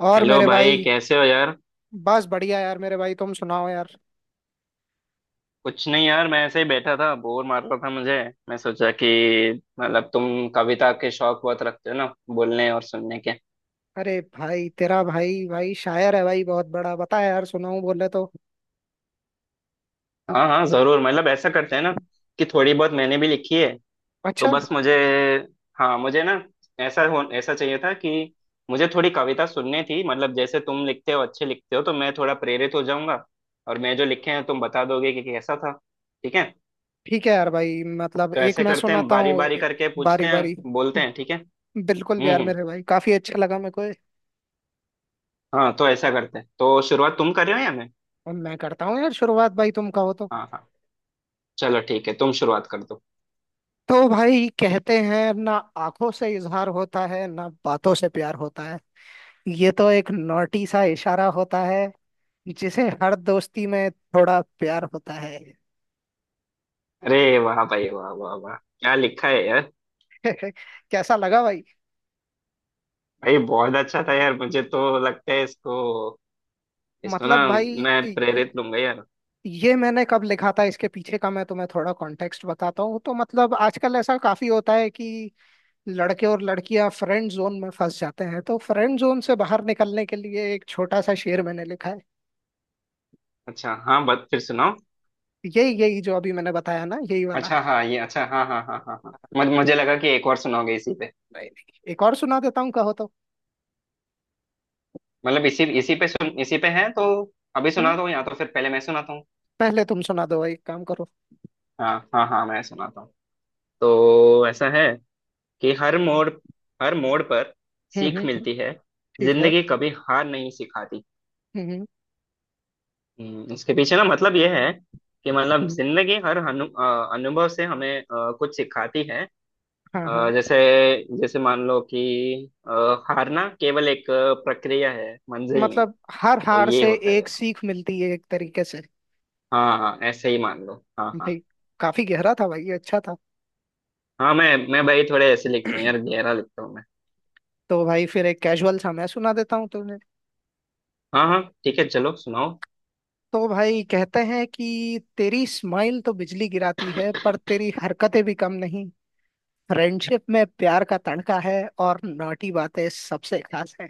और हेलो मेरे भाई, भाई। कैसे हो यार? बस बढ़िया यार, मेरे भाई तुम सुनाओ यार। कुछ नहीं यार, मैं ऐसे ही बैठा था, बोर मार रहा था मुझे। मैं सोचा कि मतलब तुम कविता के शौक बहुत रखते हो ना, बोलने और सुनने के। अरे भाई, तेरा भाई भाई शायर है भाई, बहुत बड़ा। बता यार, सुनाऊं बोले तो? हाँ हाँ, जरूर। मतलब ऐसा करते हैं ना कि थोड़ी बहुत मैंने भी लिखी है। तो अच्छा। बस मुझे, हाँ मुझे ना, ऐसा हो ऐसा चाहिए था कि मुझे थोड़ी कविता सुननी थी। मतलब जैसे तुम लिखते हो, अच्छे लिखते हो, तो मैं थोड़ा प्रेरित हो जाऊंगा और मैं जो लिखे हैं तुम बता दोगे कि कैसा था। ठीक है। ठीक है यार भाई, मतलब तो एक ऐसे मैं करते हैं, सुनाता बारी हूँ। बारी करके पूछते बारी बारी। हैं, बोलते हैं। ठीक है। बिल्कुल भी यार हम्म। मेरे भाई, काफी अच्छा लगा मेरे को ये। हाँ, तो ऐसा करते हैं, तो शुरुआत तुम कर रहे हो या मैं? अब मैं करता हूँ यार शुरुआत, भाई तुम कहो तो। हाँ हाँ। चलो ठीक है, तुम शुरुआत कर दो। तो भाई कहते हैं ना, आंखों से इजहार होता है ना, बातों से प्यार होता है। ये तो एक नोटी सा इशारा होता है, जिसे हर दोस्ती में थोड़ा प्यार होता है। अरे वाह भाई, वाह वाह वाह, क्या लिखा है यार! कैसा लगा भाई? भाई बहुत अच्छा था यार, मुझे तो लगता है इसको, इसको ना, मतलब भाई, मैं प्रेरित लूंगा यार। ये मैंने कब लिखा था, इसके पीछे का मैं तुम्हें थोड़ा कॉन्टेक्स्ट बताता हूँ। तो मतलब आजकल ऐसा काफी होता है कि लड़के और लड़कियां फ्रेंड जोन में फंस जाते हैं, तो फ्रेंड जोन से बाहर निकलने के लिए एक छोटा सा शेर मैंने लिखा है। अच्छा, हाँ, बस फिर सुनाओ। यही यही, जो अभी मैंने बताया ना, यही वाला। अच्छा हाँ ये, अच्छा हाँ हाँ हाँ हाँ हाँ, मुझे लगा कि एक और सुनाओगे इसी पे। नहीं नहीं, एक और सुना देता हूँ, कहो तो। मतलब इसी इसी पे सुन, इसी पे है तो अभी हम्म। सुना दो या तो फिर पहले मैं सुनाता हूँ। पहले तुम सुना दो भाई, एक काम करो। हाँ हाँ हाँ, मैं सुनाता हूँ। तो ऐसा है कि हर मोड़, हर मोड़ पर सीख हम्म। मिलती है, ठीक है। जिंदगी कभी हार नहीं सिखाती। हम्म। इसके पीछे ना मतलब ये है कि मतलब जिंदगी हर अनुभव से हमें कुछ सिखाती है। हाँ हाँ। जैसे, जैसे मान लो कि, अ, हारना केवल एक प्रक्रिया है, मंजिल नहीं। मतलब हर तो हार ये से होता है एक यार। सीख मिलती है, एक तरीके से। हाँ हाँ, ऐसे ही मान लो, हाँ हाँ। भाई काफी गहरा था भाई, अच्छा था। हाँ, मैं भाई थोड़े ऐसे लिखता हूँ यार, गहरा लिखता हूँ मैं। तो भाई फिर एक कैजुअल सा मैं सुना देता हूँ तुमने। हाँ हाँ, ठीक है, चलो सुनाओ। तो भाई कहते हैं कि तेरी स्माइल तो बिजली गिराती है, पर तेरी हरकतें भी कम नहीं। फ्रेंडशिप में प्यार का तड़का है, और नॉटी बातें सबसे खास है।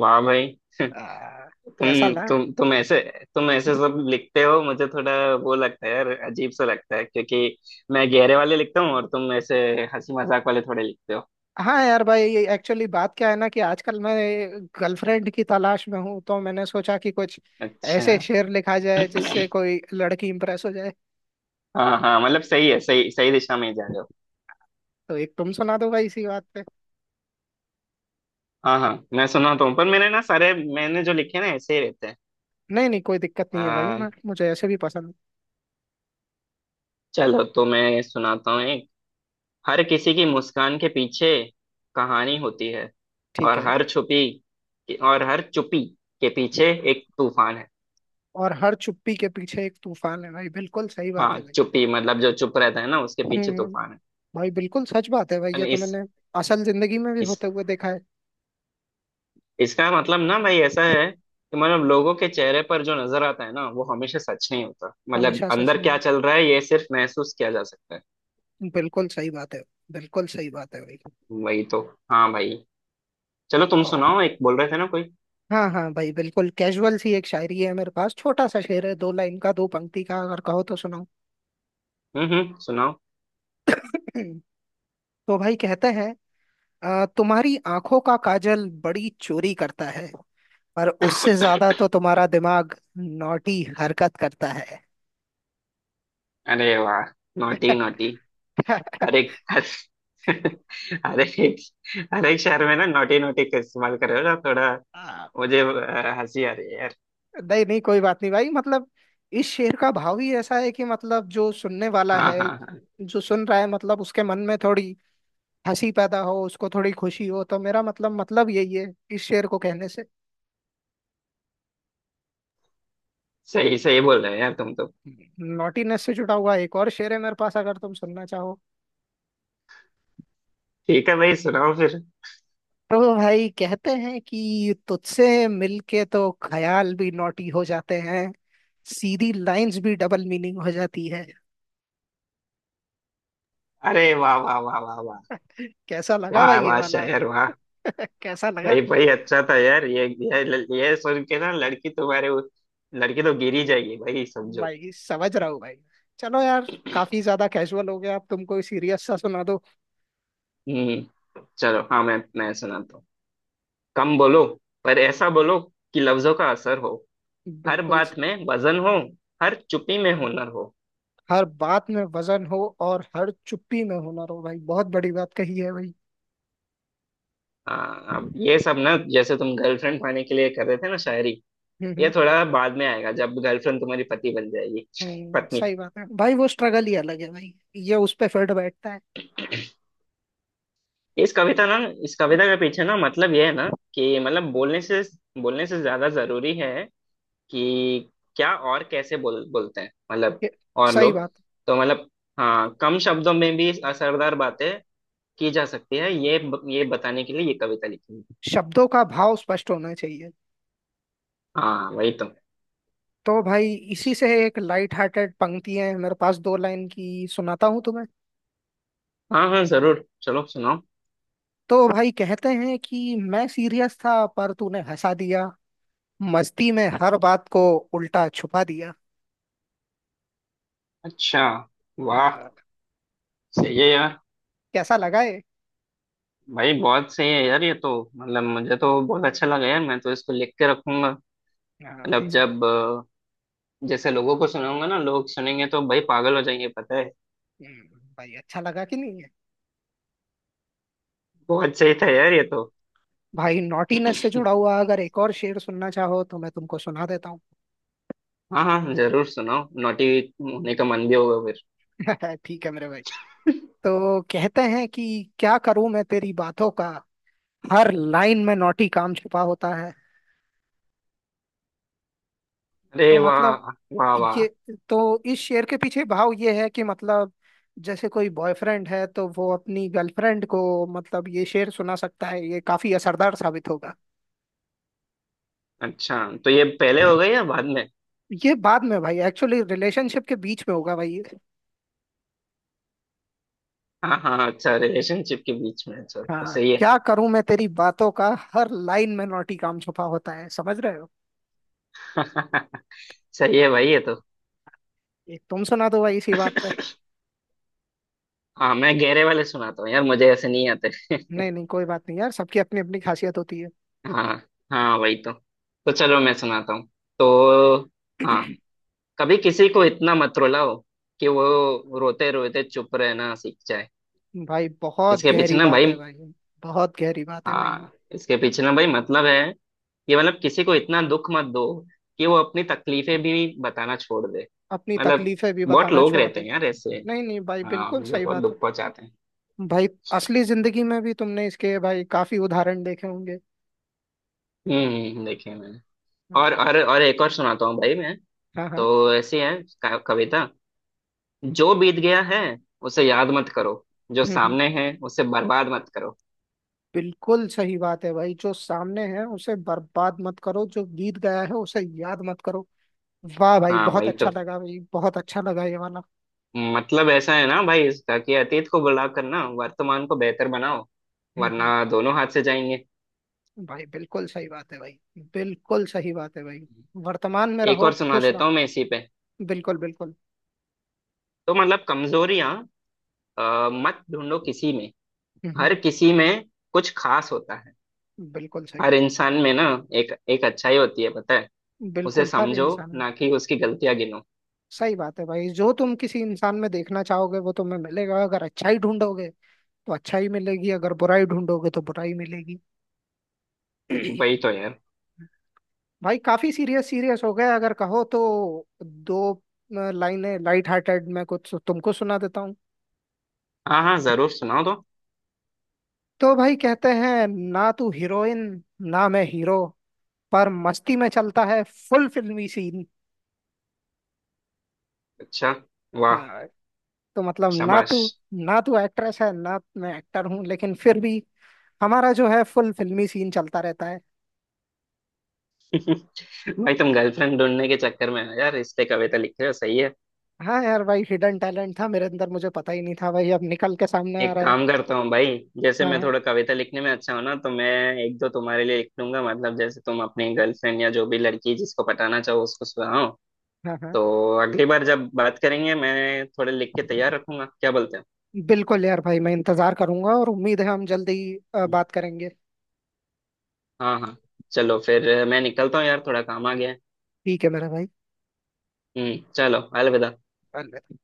वाह भाई! आ, कैसा तुम लगा? तुम तुम ऐसे, तुम ऐसे सब लिखते हो, मुझे थोड़ा वो लगता है यार, अजीब सा लगता है, क्योंकि मैं गहरे वाले लिखता हूँ और तुम ऐसे हंसी मजाक वाले थोड़े लिखते हो। हाँ यार भाई, ये एक्चुअली बात क्या है ना, कि आजकल मैं गर्लफ्रेंड की तलाश में हूँ। तो मैंने सोचा कि कुछ अच्छा, ऐसे शेर लिखा जाए जिससे कोई लड़की इंप्रेस हो जाए। हाँ हाँ, मतलब सही है, सही सही दिशा में ही जा रहे हो। तो एक तुम सुना दो भाई इसी बात। हाँ हाँ, मैं सुनाता हूँ, पर मैंने ना सारे मैंने जो लिखे ना ऐसे ही रहते हैं। नहीं नहीं, कोई दिक्कत नहीं है भाई, आ, मैं, मुझे ऐसे भी पसंद है। चलो तो मैं सुनाता हूँ एक। हर किसी की मुस्कान के पीछे कहानी होती है, ठीक और है। हर छुपी, और हर चुपी के पीछे एक तूफान है। और हर चुप्पी के पीछे एक तूफान है, भाई बिल्कुल सही बात हाँ, है भाई। चुप्पी मतलब जो चुप रहता है ना उसके पीछे हम्म। तूफान है। भाई बिल्कुल सच बात है भाई, ये अरे तो मैंने असल जिंदगी में भी इस होते हुए देखा है। इसका मतलब ना भाई ऐसा है कि मतलब लोगों के चेहरे पर जो नजर आता है ना वो हमेशा सच नहीं होता, मतलब हमेशा सच अंदर क्या नहीं चल रहा है ये सिर्फ महसूस किया जा सकता है। होता। बिल्कुल सही बात है। बिल्कुल सही बात है भाई। वही तो। हाँ भाई। चलो तुम ओ, सुनाओ एक, बोल रहे थे ना कोई। हाँ हाँ भाई, बिल्कुल कैजुअल सी एक शायरी है मेरे पास, छोटा सा शेर है, दो लाइन का, दो पंक्ति का, अगर कहो तो सुनाओ। हम्म, सुनाओ। तो भाई कहते हैं, तुम्हारी आंखों का काजल बड़ी चोरी करता है, पर उससे ज्यादा तो तुम्हारा दिमाग नॉटी हरकत करता है। अरे वाह! Naughty naughty. हर एक हर, हर एक, हर एक शहर में ना नोटी नोटी का इस्तेमाल कर रहे हो ना थोड़ा। हाँ। मुझे हंसी आ रही है यार। नहीं नहीं, कोई बात नहीं भाई, मतलब इस शेर का भाव ही ऐसा है कि मतलब जो सुनने वाला हाँ है, हाँ हाँ। जो सुन रहा है, मतलब उसके मन में थोड़ी हंसी पैदा हो, उसको थोड़ी खुशी हो, तो मेरा मतलब यही है, इस शेर को कहने से। सही सही बोल रहे हैं यार तुम तो। नॉटीनेस से जुड़ा हुआ एक और शेर है मेरे पास, अगर तुम सुनना चाहो। ठीक है भाई सुनाओ फिर। तो भाई कहते हैं कि तुझसे मिलके तो ख्याल भी नॉटी हो जाते हैं, सीधी लाइंस भी डबल मीनिंग हो जाती है। अरे वाह वाह वाह वाह वाह! कैसा लगा वाह भाई ये वाह वाला? शायर वाह! कैसा लगा? भाई भाई, अच्छा था यार, ये सुन के ना लड़की तुम्हारे लड़की तो गिर ही जाएगी भाई समझो। भाई समझ रहा हूँ भाई। चलो यार, काफी ज्यादा कैजुअल हो गया, अब तुम कोई सीरियस सा सुना दो। हम्म, चलो हाँ, मैं सुनाता हूँ। कम बोलो, पर ऐसा बोलो कि लफ्जों का असर हो, हर बिल्कुल बात से। में वजन हो, हर चुप्पी में हुनर हो। हर बात में वजन हो, और हर चुप्पी में हुनर हो, भाई बहुत बड़ी बात कही है भाई। हाँ, अब ये सब ना जैसे तुम गर्लफ्रेंड पाने के लिए कर रहे थे ना शायरी, हम्म। ये थोड़ा बाद में आएगा जब गर्लफ्रेंड तुम्हारी पति बन जाएगी। पत्नी। सही बात है भाई, वो स्ट्रगल ही अलग है भाई, ये उस पे फिल्ड बैठता है। इस कविता ना इस कविता के पीछे ना मतलब ये है ना कि मतलब बोलने से, बोलने से ज्यादा जरूरी है कि क्या और कैसे बोलते हैं, मतलब, ये- और सही लोग। बात। तो मतलब, हाँ कम शब्दों में भी असरदार बातें की जा सकती है, ये ये बताने के लिए ये कविता लिखी है। शब्दों का भाव स्पष्ट होना चाहिए। हाँ वही तो। तो भाई इसी से एक लाइट हार्टेड पंक्ति है मेरे पास, दो लाइन की सुनाता हूँ तुम्हें। हाँ हाँ जरूर, चलो सुनाओ। तो भाई कहते हैं कि मैं सीरियस था, पर तूने हंसा दिया, मस्ती में हर बात को उल्टा छुपा दिया। अच्छा, वाह, हाँ, सही है यार। कैसा लगा ये? भाई बहुत सही है यार ये तो। मतलब मुझे तो बहुत अच्छा लगा यार, मैं तो इसको लिख के रखूंगा। हाँ भाई। मतलब जब, जैसे लोगों को सुनाऊंगा ना लोग सुनेंगे तो भाई पागल हो जाएंगे पता है। भाई अच्छा लगा कि नहीं है? बहुत सही था यार ये तो। भाई नॉटीनेस से जुड़ा हुआ, अगर एक और शेर सुनना चाहो, तो मैं तुमको सुना देता हूँ। हाँ हाँ जरूर सुनाओ, नोटी होने का मन भी होगा फिर। ठीक है मेरे भाई। तो कहते हैं कि क्या करूं मैं तेरी बातों का, हर लाइन में नौटी काम छिपा होता है। अरे तो वाह मतलब वाह वाह! ये, तो इस शेर के पीछे भाव ये है कि मतलब जैसे कोई बॉयफ्रेंड है, तो वो अपनी गर्लफ्रेंड को मतलब ये शेर सुना सकता है, ये काफी असरदार साबित होगा। अच्छा तो ये पहले हो गई या बाद में? ये बाद में भाई, एक्चुअली रिलेशनशिप के बीच में होगा भाई ये। हाँ हाँ, अच्छा रिलेशनशिप के बीच में, अच्छा तो हाँ, सही है। क्या करूं मैं तेरी बातों का, हर लाइन में नौटी काम छुपा होता है, समझ रहे हो? सही है भाई ये तो। एक तुम सुना दो भाई इसी बात पे। हाँ मैं गहरे वाले सुनाता हूँ यार, मुझे ऐसे नहीं आते। नहीं नहीं, कोई बात नहीं यार, सबकी अपनी अपनी खासियत होती हाँ, हाँ वही तो। तो चलो मैं सुनाता हूँ, तो हाँ। है। कभी किसी को इतना मत रुलाओ कि वो रोते रोते चुप रहना सीख जाए। भाई बहुत इसके पीछे गहरी ना बात भाई, है भाई, बहुत गहरी बात है भाई। हाँ इसके पीछे ना भाई मतलब है कि मतलब किसी को इतना दुख मत दो कि वो अपनी तकलीफें भी बताना छोड़ दे। अपनी मतलब तकलीफें भी बहुत बताना लोग छोड़ रहते दे। हैं यार ऐसे, नहीं नहीं भाई, हाँ बिल्कुल जो सही बहुत बात है दुख पहुंचाते हैं। भाई, असली जिंदगी में भी तुमने इसके भाई काफी उदाहरण देखे होंगे। देखे मैंने। हम्म। और एक और सुनाता हूँ भाई मैं। हाँ हाँ। तो ऐसी है कविता। जो बीत गया है उसे याद मत करो, जो हम्म, हम्म, सामने है उसे बर्बाद मत करो। बिल्कुल सही बात है भाई, जो सामने है उसे बर्बाद मत करो, जो बीत गया है उसे याद मत करो। वाह भाई, हाँ बहुत वही तो। अच्छा लगा भाई, बहुत अच्छा लगा ये वाला। मतलब ऐसा है ना भाई इसका कि अतीत को बुला कर ना वर्तमान को बेहतर बनाओ, हम्म हम्म, वरना दोनों हाथ से जाएंगे। भाई बिल्कुल सही बात है भाई, बिल्कुल सही बात है भाई, वर्तमान में एक रहो, और सुना खुश रहो। देता हूँ मैं इसी पे। बिल्कुल बिल्कुल। तो मतलब कमजोरियां मत ढूंढो किसी में, हम्म, हम्म। हर किसी में कुछ खास होता है, बिल्कुल सही। हर इंसान में ना एक एक अच्छाई होती है पता है, उसे बिल्कुल हर समझो इंसान। ना कि उसकी गलतियां गिनो। सही बात है भाई, जो तुम किसी इंसान में देखना चाहोगे वो तुम्हें मिलेगा, अगर अच्छा ही ढूंढोगे तो अच्छा ही मिलेगी, अगर बुरा ही ढूंढोगे तो बुरा ही मिलेगी। वही तो यार। भाई काफी सीरियस सीरियस हो गया, अगर कहो तो दो लाइनें लाइट हार्टेड में कुछ तुमको सुना देता हूँ। हाँ हाँ जरूर सुनाओ तो। तो भाई कहते हैं ना, तू हीरोइन ना मैं हीरो, पर मस्ती में चलता है फुल फिल्मी सीन। अच्छा, वाह, हाँ, तो मतलब ना शाबाश। तू ना तू एक्ट्रेस है ना मैं एक्टर हूँ, लेकिन फिर भी हमारा जो है फुल फिल्मी सीन चलता रहता है। भाई तुम गर्लफ्रेंड ढूंढने के चक्कर में हो यार इसलिए कविता लिख रहे हो, सही है। हाँ यार भाई, हिडन टैलेंट था मेरे अंदर, मुझे पता ही नहीं था भाई, अब निकल के सामने आ एक रहा है। काम करता हूँ भाई, जैसे हाँ मैं हाँ थोड़ा कविता लिखने में अच्छा हूँ ना, तो मैं एक दो तुम्हारे लिए लिख लूंगा, मतलब जैसे तुम अपनी गर्लफ्रेंड या जो भी लड़की जिसको पटाना चाहो उसको सुनाओ, हाँ हाँ। तो अगली बार जब बात करेंगे मैं थोड़े लिख के तैयार रखूंगा, क्या बोलते हो? बिल्कुल यार भाई, मैं इंतजार करूंगा और उम्मीद है हम जल्दी बात करेंगे। हाँ हाँ। चलो फिर, मैं निकलता हूँ यार, थोड़ा काम आ गया है। ठीक है मेरा भाई। हम्म, चलो, अलविदा। अलविदा।